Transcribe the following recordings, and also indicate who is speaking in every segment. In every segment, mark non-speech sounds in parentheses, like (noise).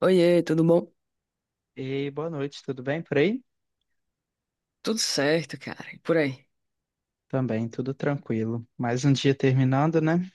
Speaker 1: Oiê, tudo bom?
Speaker 2: E boa noite, tudo bem por aí?
Speaker 1: Tudo certo, cara. E por aí?
Speaker 2: Também, tudo tranquilo. Mais um dia terminando, né?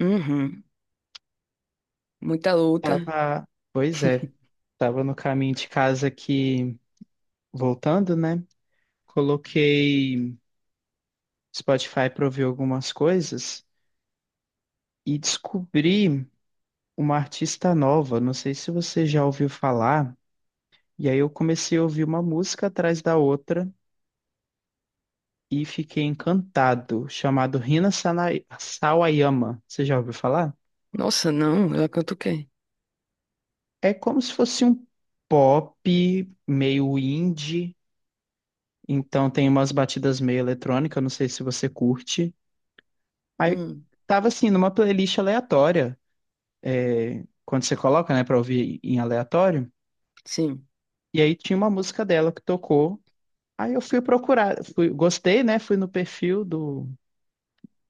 Speaker 1: Uhum. Muita luta.
Speaker 2: Tava, pois é, tava no caminho de casa aqui, voltando, né? Coloquei Spotify para ouvir algumas coisas e descobri uma artista nova. Não sei se você já ouviu falar. E aí eu comecei a ouvir uma música atrás da outra e fiquei encantado, chamado Rina Sawayama. Você já ouviu falar?
Speaker 1: Nossa, não, ela canta o quê?
Speaker 2: É como se fosse um pop meio indie, então tem umas batidas meio eletrônica, não sei se você curte. Aí
Speaker 1: Hum,
Speaker 2: tava assim numa playlist aleatória, é, quando você coloca, né, pra ouvir em aleatório.
Speaker 1: sim.
Speaker 2: E aí tinha uma música dela que tocou. Aí eu fui procurar, fui, gostei, né? Fui no perfil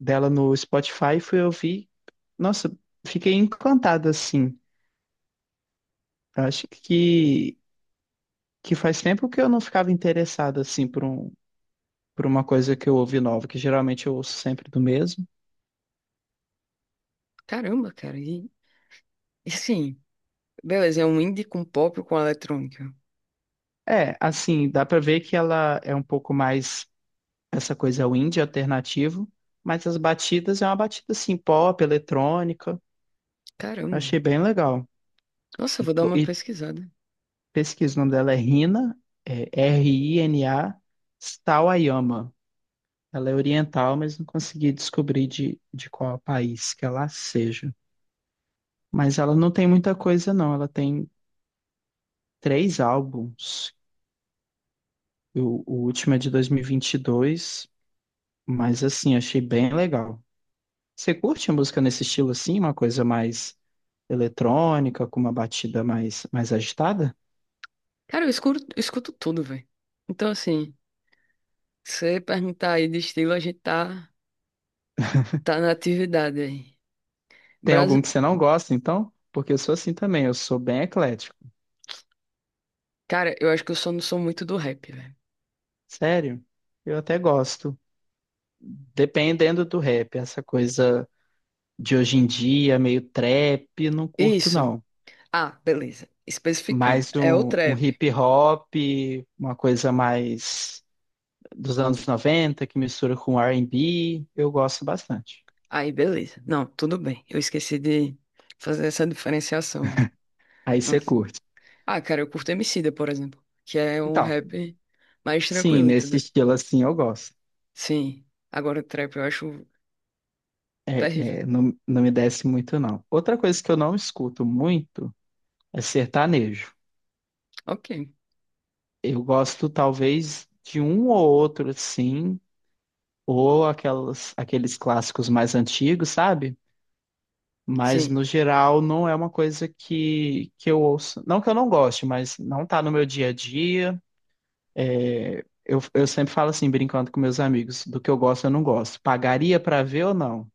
Speaker 2: dela no Spotify, fui ouvir. Nossa, fiquei encantado assim. Eu acho que faz tempo que eu não ficava interessado assim por uma coisa que eu ouvi nova, que geralmente eu ouço sempre do mesmo.
Speaker 1: Caramba, cara. E assim, beleza, é um indie com pop com eletrônica.
Speaker 2: É, assim, dá pra ver que ela é um pouco mais essa coisa indie alternativo, mas as batidas é uma batida assim pop, eletrônica. Eu achei
Speaker 1: Caramba.
Speaker 2: bem legal.
Speaker 1: Nossa, eu
Speaker 2: E,
Speaker 1: vou dar
Speaker 2: to-
Speaker 1: uma
Speaker 2: e
Speaker 1: pesquisada.
Speaker 2: pesquisa, o nome dela é Rina, é Rina Sawayama. Ela é oriental, mas não consegui descobrir de qual país que ela seja. Mas ela não tem muita coisa, não. Ela tem três álbuns. O último é de dois mil e vinte e dois, mas assim, achei bem legal. Você curte a música nesse estilo assim, uma coisa mais eletrônica, com uma batida mais agitada?
Speaker 1: Cara, eu escuto tudo, velho. Então, assim, se você perguntar aí de estilo, tá na atividade aí.
Speaker 2: Tem algum
Speaker 1: Brasi...
Speaker 2: que você não gosta, então? Porque eu sou assim também, eu sou bem eclético.
Speaker 1: Cara, eu acho que eu só não sou muito do rap, velho.
Speaker 2: Sério, eu até gosto. Dependendo do rap, essa coisa de hoje em dia, meio trap, não curto
Speaker 1: Isso.
Speaker 2: não.
Speaker 1: Ah, beleza. Especificando.
Speaker 2: Mais
Speaker 1: É o
Speaker 2: um
Speaker 1: trap.
Speaker 2: hip hop, uma coisa mais dos anos 90 que mistura com R&B, eu gosto bastante.
Speaker 1: Aí, beleza. Não, tudo bem. Eu esqueci de fazer essa diferenciação, hein?
Speaker 2: Aí
Speaker 1: Não.
Speaker 2: você curte.
Speaker 1: Ah, cara, eu curto Emicida, por exemplo, que é um
Speaker 2: Então,
Speaker 1: rap mais
Speaker 2: sim,
Speaker 1: tranquilo,
Speaker 2: nesse
Speaker 1: entendeu?
Speaker 2: estilo assim eu gosto.
Speaker 1: Sim. Agora, trap eu acho
Speaker 2: É,
Speaker 1: terrível.
Speaker 2: não, não me desce muito, não. Outra coisa que eu não escuto muito é sertanejo.
Speaker 1: Ok.
Speaker 2: Eu gosto talvez de um ou outro, assim, ou aqueles clássicos mais antigos, sabe? Mas
Speaker 1: Sim.
Speaker 2: no geral não é uma coisa que eu ouço. Não que eu não goste, mas não tá no meu dia a dia. É, eu sempre falo assim, brincando com meus amigos, do que eu gosto, eu não gosto. Pagaria pra ver ou não?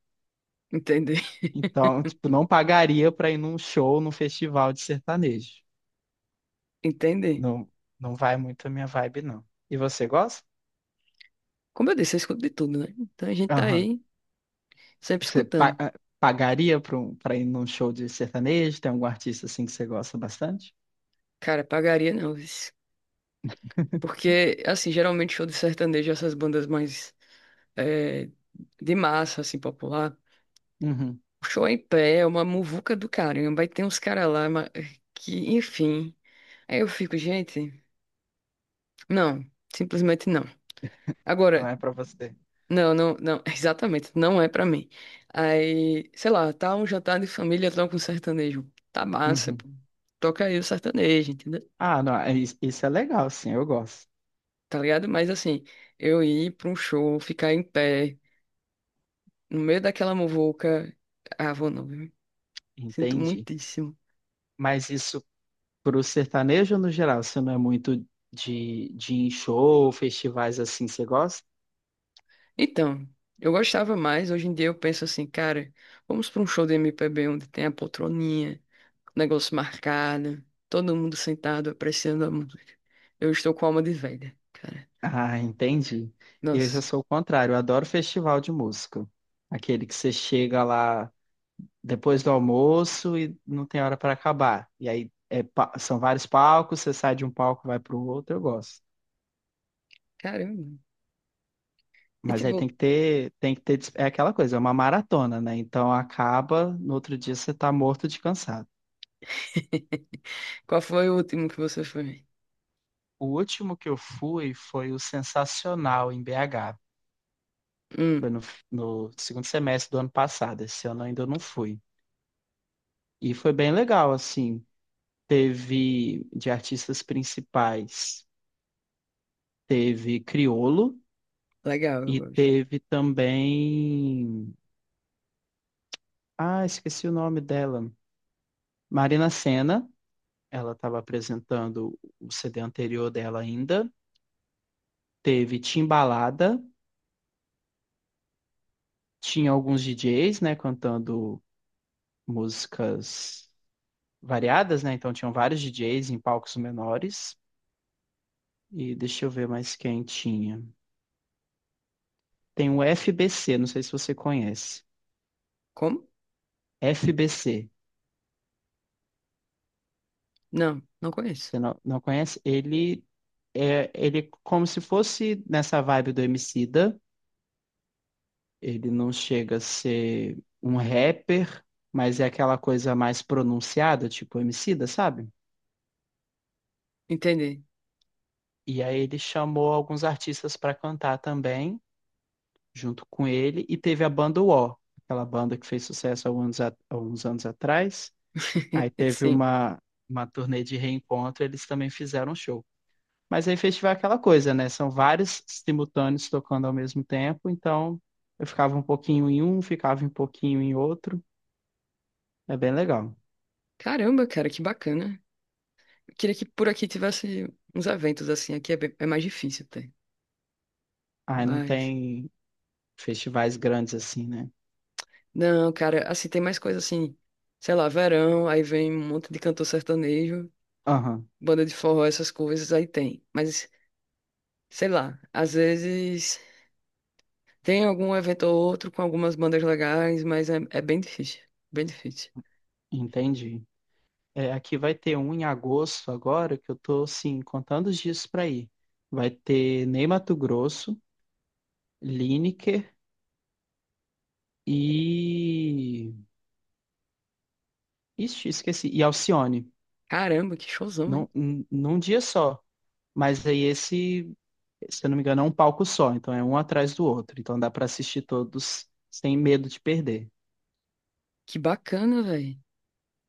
Speaker 1: Entender. (laughs)
Speaker 2: Então, tipo, não pagaria pra ir num show, num festival de sertanejo.
Speaker 1: Entender.
Speaker 2: Não, não vai muito a minha vibe, não. E você gosta?
Speaker 1: Como eu disse, eu escuto de tudo, né? Então a gente tá
Speaker 2: Aham.
Speaker 1: aí sempre
Speaker 2: Você pa-
Speaker 1: escutando.
Speaker 2: ah, pagaria pra ir num show de sertanejo? Tem algum artista assim que você gosta bastante?
Speaker 1: Cara, pagaria não, vixe. Porque, assim, geralmente show de sertanejo, essas bandas mais eh, de massa, assim, popular.
Speaker 2: Uhum.
Speaker 1: Show em pé, é uma muvuca do caramba. Aí tem uns caras lá ma- que, enfim. Aí eu fico, gente, não, simplesmente não.
Speaker 2: Não
Speaker 1: Agora,
Speaker 2: é pra você.
Speaker 1: não, não, não, (laughs) exatamente, não é pra mim. Aí, sei lá, tá um jantar de família, toca um sertanejo. Tá massa,
Speaker 2: Uhum.
Speaker 1: pô. Toca aí o sertanejo, entendeu?
Speaker 2: Ah, não, é isso é legal, sim, eu gosto.
Speaker 1: Tá ligado? Mas assim, eu ir pra um show, ficar em pé, no meio daquela muvuca. Ah, vou não, viu? Sinto
Speaker 2: Entendi.
Speaker 1: muitíssimo.
Speaker 2: Mas isso Pro sertanejo no geral, você não é muito de ir em show, festivais assim, você gosta?
Speaker 1: Então, eu gostava mais. Hoje em dia eu penso assim, cara, vamos pra um show de MPB onde tem a poltroninha, o negócio marcado, todo mundo sentado apreciando a música. Eu estou com alma de velha, cara.
Speaker 2: Ah, entendi. Eu já
Speaker 1: Nossa,
Speaker 2: sou o contrário, eu adoro festival de música. Aquele que você chega lá depois do almoço e não tem hora para acabar. E aí são vários palcos, você sai de um palco, vai para o outro, eu gosto.
Speaker 1: caramba. E
Speaker 2: Mas aí
Speaker 1: tipo,
Speaker 2: tem que ter, é aquela coisa, é uma maratona, né? Então acaba, no outro dia você tá morto de cansado.
Speaker 1: (laughs) qual foi o último que você foi?
Speaker 2: O último que eu fui foi o Sensacional em BH.
Speaker 1: Hum,
Speaker 2: Foi no segundo semestre do ano passado. Esse ano ainda eu não fui. E foi bem legal, assim. Teve de artistas principais, teve Criolo
Speaker 1: legal, eu
Speaker 2: e
Speaker 1: gosto.
Speaker 2: teve também. Ah, esqueci o nome dela. Marina Sena. Ela estava apresentando o CD anterior dela ainda. Teve Timbalada. Tinha alguns DJs, né, cantando músicas variadas, né? Então tinham vários DJs em palcos menores. E deixa eu ver mais quem tinha. Tem o FBC, não sei se você conhece.
Speaker 1: Como?
Speaker 2: FBC,
Speaker 1: Não, não conheço.
Speaker 2: você não conhece? Ele é como se fosse nessa vibe do Emicida. Ele não chega a ser um rapper, mas é aquela coisa mais pronunciada, tipo Emicida, sabe?
Speaker 1: Entendi.
Speaker 2: E aí ele chamou alguns artistas para cantar também, junto com ele, e teve a banda UO, aquela banda que fez sucesso há alguns anos atrás. Aí
Speaker 1: (laughs)
Speaker 2: teve
Speaker 1: Sim.
Speaker 2: uma turnê de reencontro, eles também fizeram um show. Mas aí festival é aquela coisa, né? São vários simultâneos tocando ao mesmo tempo, então eu ficava um pouquinho em um, ficava um pouquinho em outro. É bem legal.
Speaker 1: Caramba, cara, que bacana. Queria que por aqui tivesse uns eventos assim. Aqui é, bem- é mais difícil ter.
Speaker 2: Aí não
Speaker 1: Mas.
Speaker 2: tem festivais grandes assim, né?
Speaker 1: Não, cara, assim, tem mais coisa assim, sei lá, verão, aí vem um monte de cantor sertanejo,
Speaker 2: Aham,
Speaker 1: banda de forró, essas coisas, aí tem. Mas, sei lá, às vezes tem algum evento ou outro com algumas bandas legais, mas é bem difícil, bem difícil.
Speaker 2: entendi. É, aqui vai ter um em agosto agora, que eu tô, assim, contando os dias pra ir. Vai ter Ney Matogrosso, Lineker e... Ixi, esqueci. E Alcione.
Speaker 1: Caramba, que showzão,
Speaker 2: num,
Speaker 1: hein?
Speaker 2: num num dia só. Mas aí esse, se eu não me engano, é um palco só, então é um atrás do outro. Então dá para assistir todos sem medo de perder.
Speaker 1: Que bacana, velho.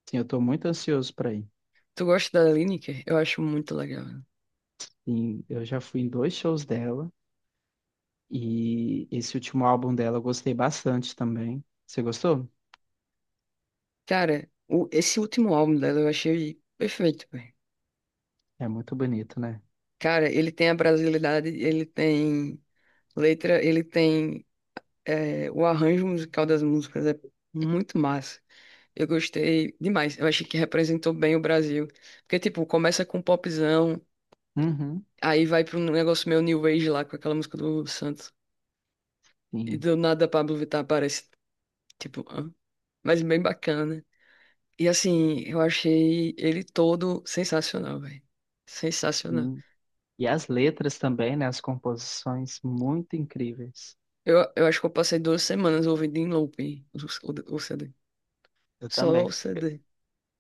Speaker 2: Sim, eu tô muito ansioso para ir.
Speaker 1: Tu gosta da Lineker? Eu acho muito legal. Né?
Speaker 2: Sim, eu já fui em dois shows dela e esse último álbum dela eu gostei bastante também. Você gostou?
Speaker 1: Cara, o- esse último álbum dela eu achei perfeito, velho.
Speaker 2: É muito bonito, né?
Speaker 1: Cara, ele tem a brasilidade, ele tem letra, ele tem É, o arranjo musical das músicas é muito massa. Eu gostei demais. Eu achei que representou bem o Brasil. Porque, tipo, começa com um popzão,
Speaker 2: Uhum,
Speaker 1: aí vai pra um negócio meio New Age lá, com aquela música do Santos. E
Speaker 2: sim,
Speaker 1: do nada Pablo Vittar aparece. Tipo, hã? Mas bem bacana. E assim, eu achei ele todo sensacional, velho. Sensacional.
Speaker 2: sim. E as letras também, né? As composições muito incríveis.
Speaker 1: Eu acho que eu passei 2 semanas ouvindo em looping o CD.
Speaker 2: Eu
Speaker 1: Só
Speaker 2: também.
Speaker 1: o CD.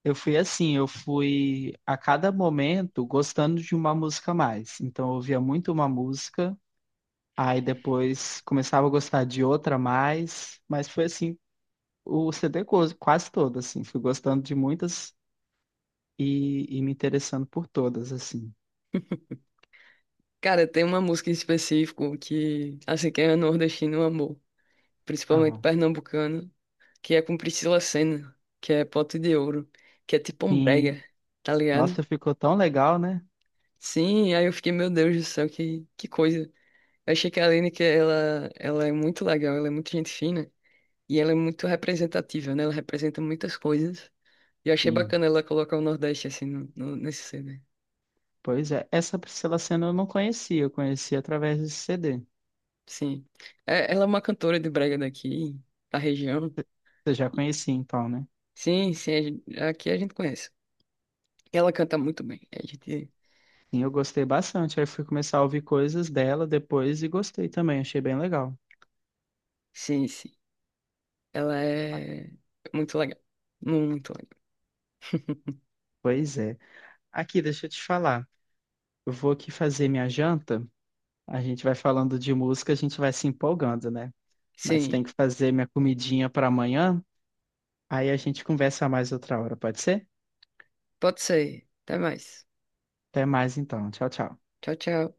Speaker 2: Eu fui assim, eu fui a cada momento gostando de uma música a mais. Então eu ouvia muito uma música, aí depois começava a gostar de outra a mais, mas foi assim, o quase todo, assim, fui gostando de muitas e me interessando por todas, assim.
Speaker 1: Cara, tem uma música em específico que, assim, quem é nordestino amor, principalmente
Speaker 2: Aham.
Speaker 1: pernambucano, que é com Priscila Senna, que é Pote de Ouro, que é tipo um
Speaker 2: Sim.
Speaker 1: brega, tá ligado?
Speaker 2: Nossa, ficou tão legal, né?
Speaker 1: Sim, aí eu fiquei, meu Deus do céu, que coisa. Eu achei que a Aline, que ela é muito legal, ela é muito gente fina, e ela é muito representativa, né? Ela representa muitas coisas. E eu achei
Speaker 2: Sim.
Speaker 1: bacana ela colocar o Nordeste, assim, no, no- nesse CD.
Speaker 2: Pois é, essa Priscila Senna eu não conhecia, eu conheci através desse CD.
Speaker 1: Sim. É- ela é uma cantora de brega daqui, da região.
Speaker 2: Você já conhecia então, né?
Speaker 1: Sim, sim, a gen- aqui a gente conhece. Ela canta muito bem. A gente,
Speaker 2: Sim, eu gostei bastante. Aí fui começar a ouvir coisas dela depois e gostei também, achei bem legal.
Speaker 1: sim, sim. Ela é muito legal. Muito legal. (laughs)
Speaker 2: Pois é. Aqui, deixa eu te falar. Eu vou aqui fazer minha janta. A gente vai falando de música, a gente vai se empolgando, né? Mas tem
Speaker 1: Sim,
Speaker 2: que fazer minha comidinha para amanhã. Aí a gente conversa mais outra hora, pode ser?
Speaker 1: pode ser. Até mais.
Speaker 2: Até mais então. Tchau, tchau.
Speaker 1: Tchau, tchau.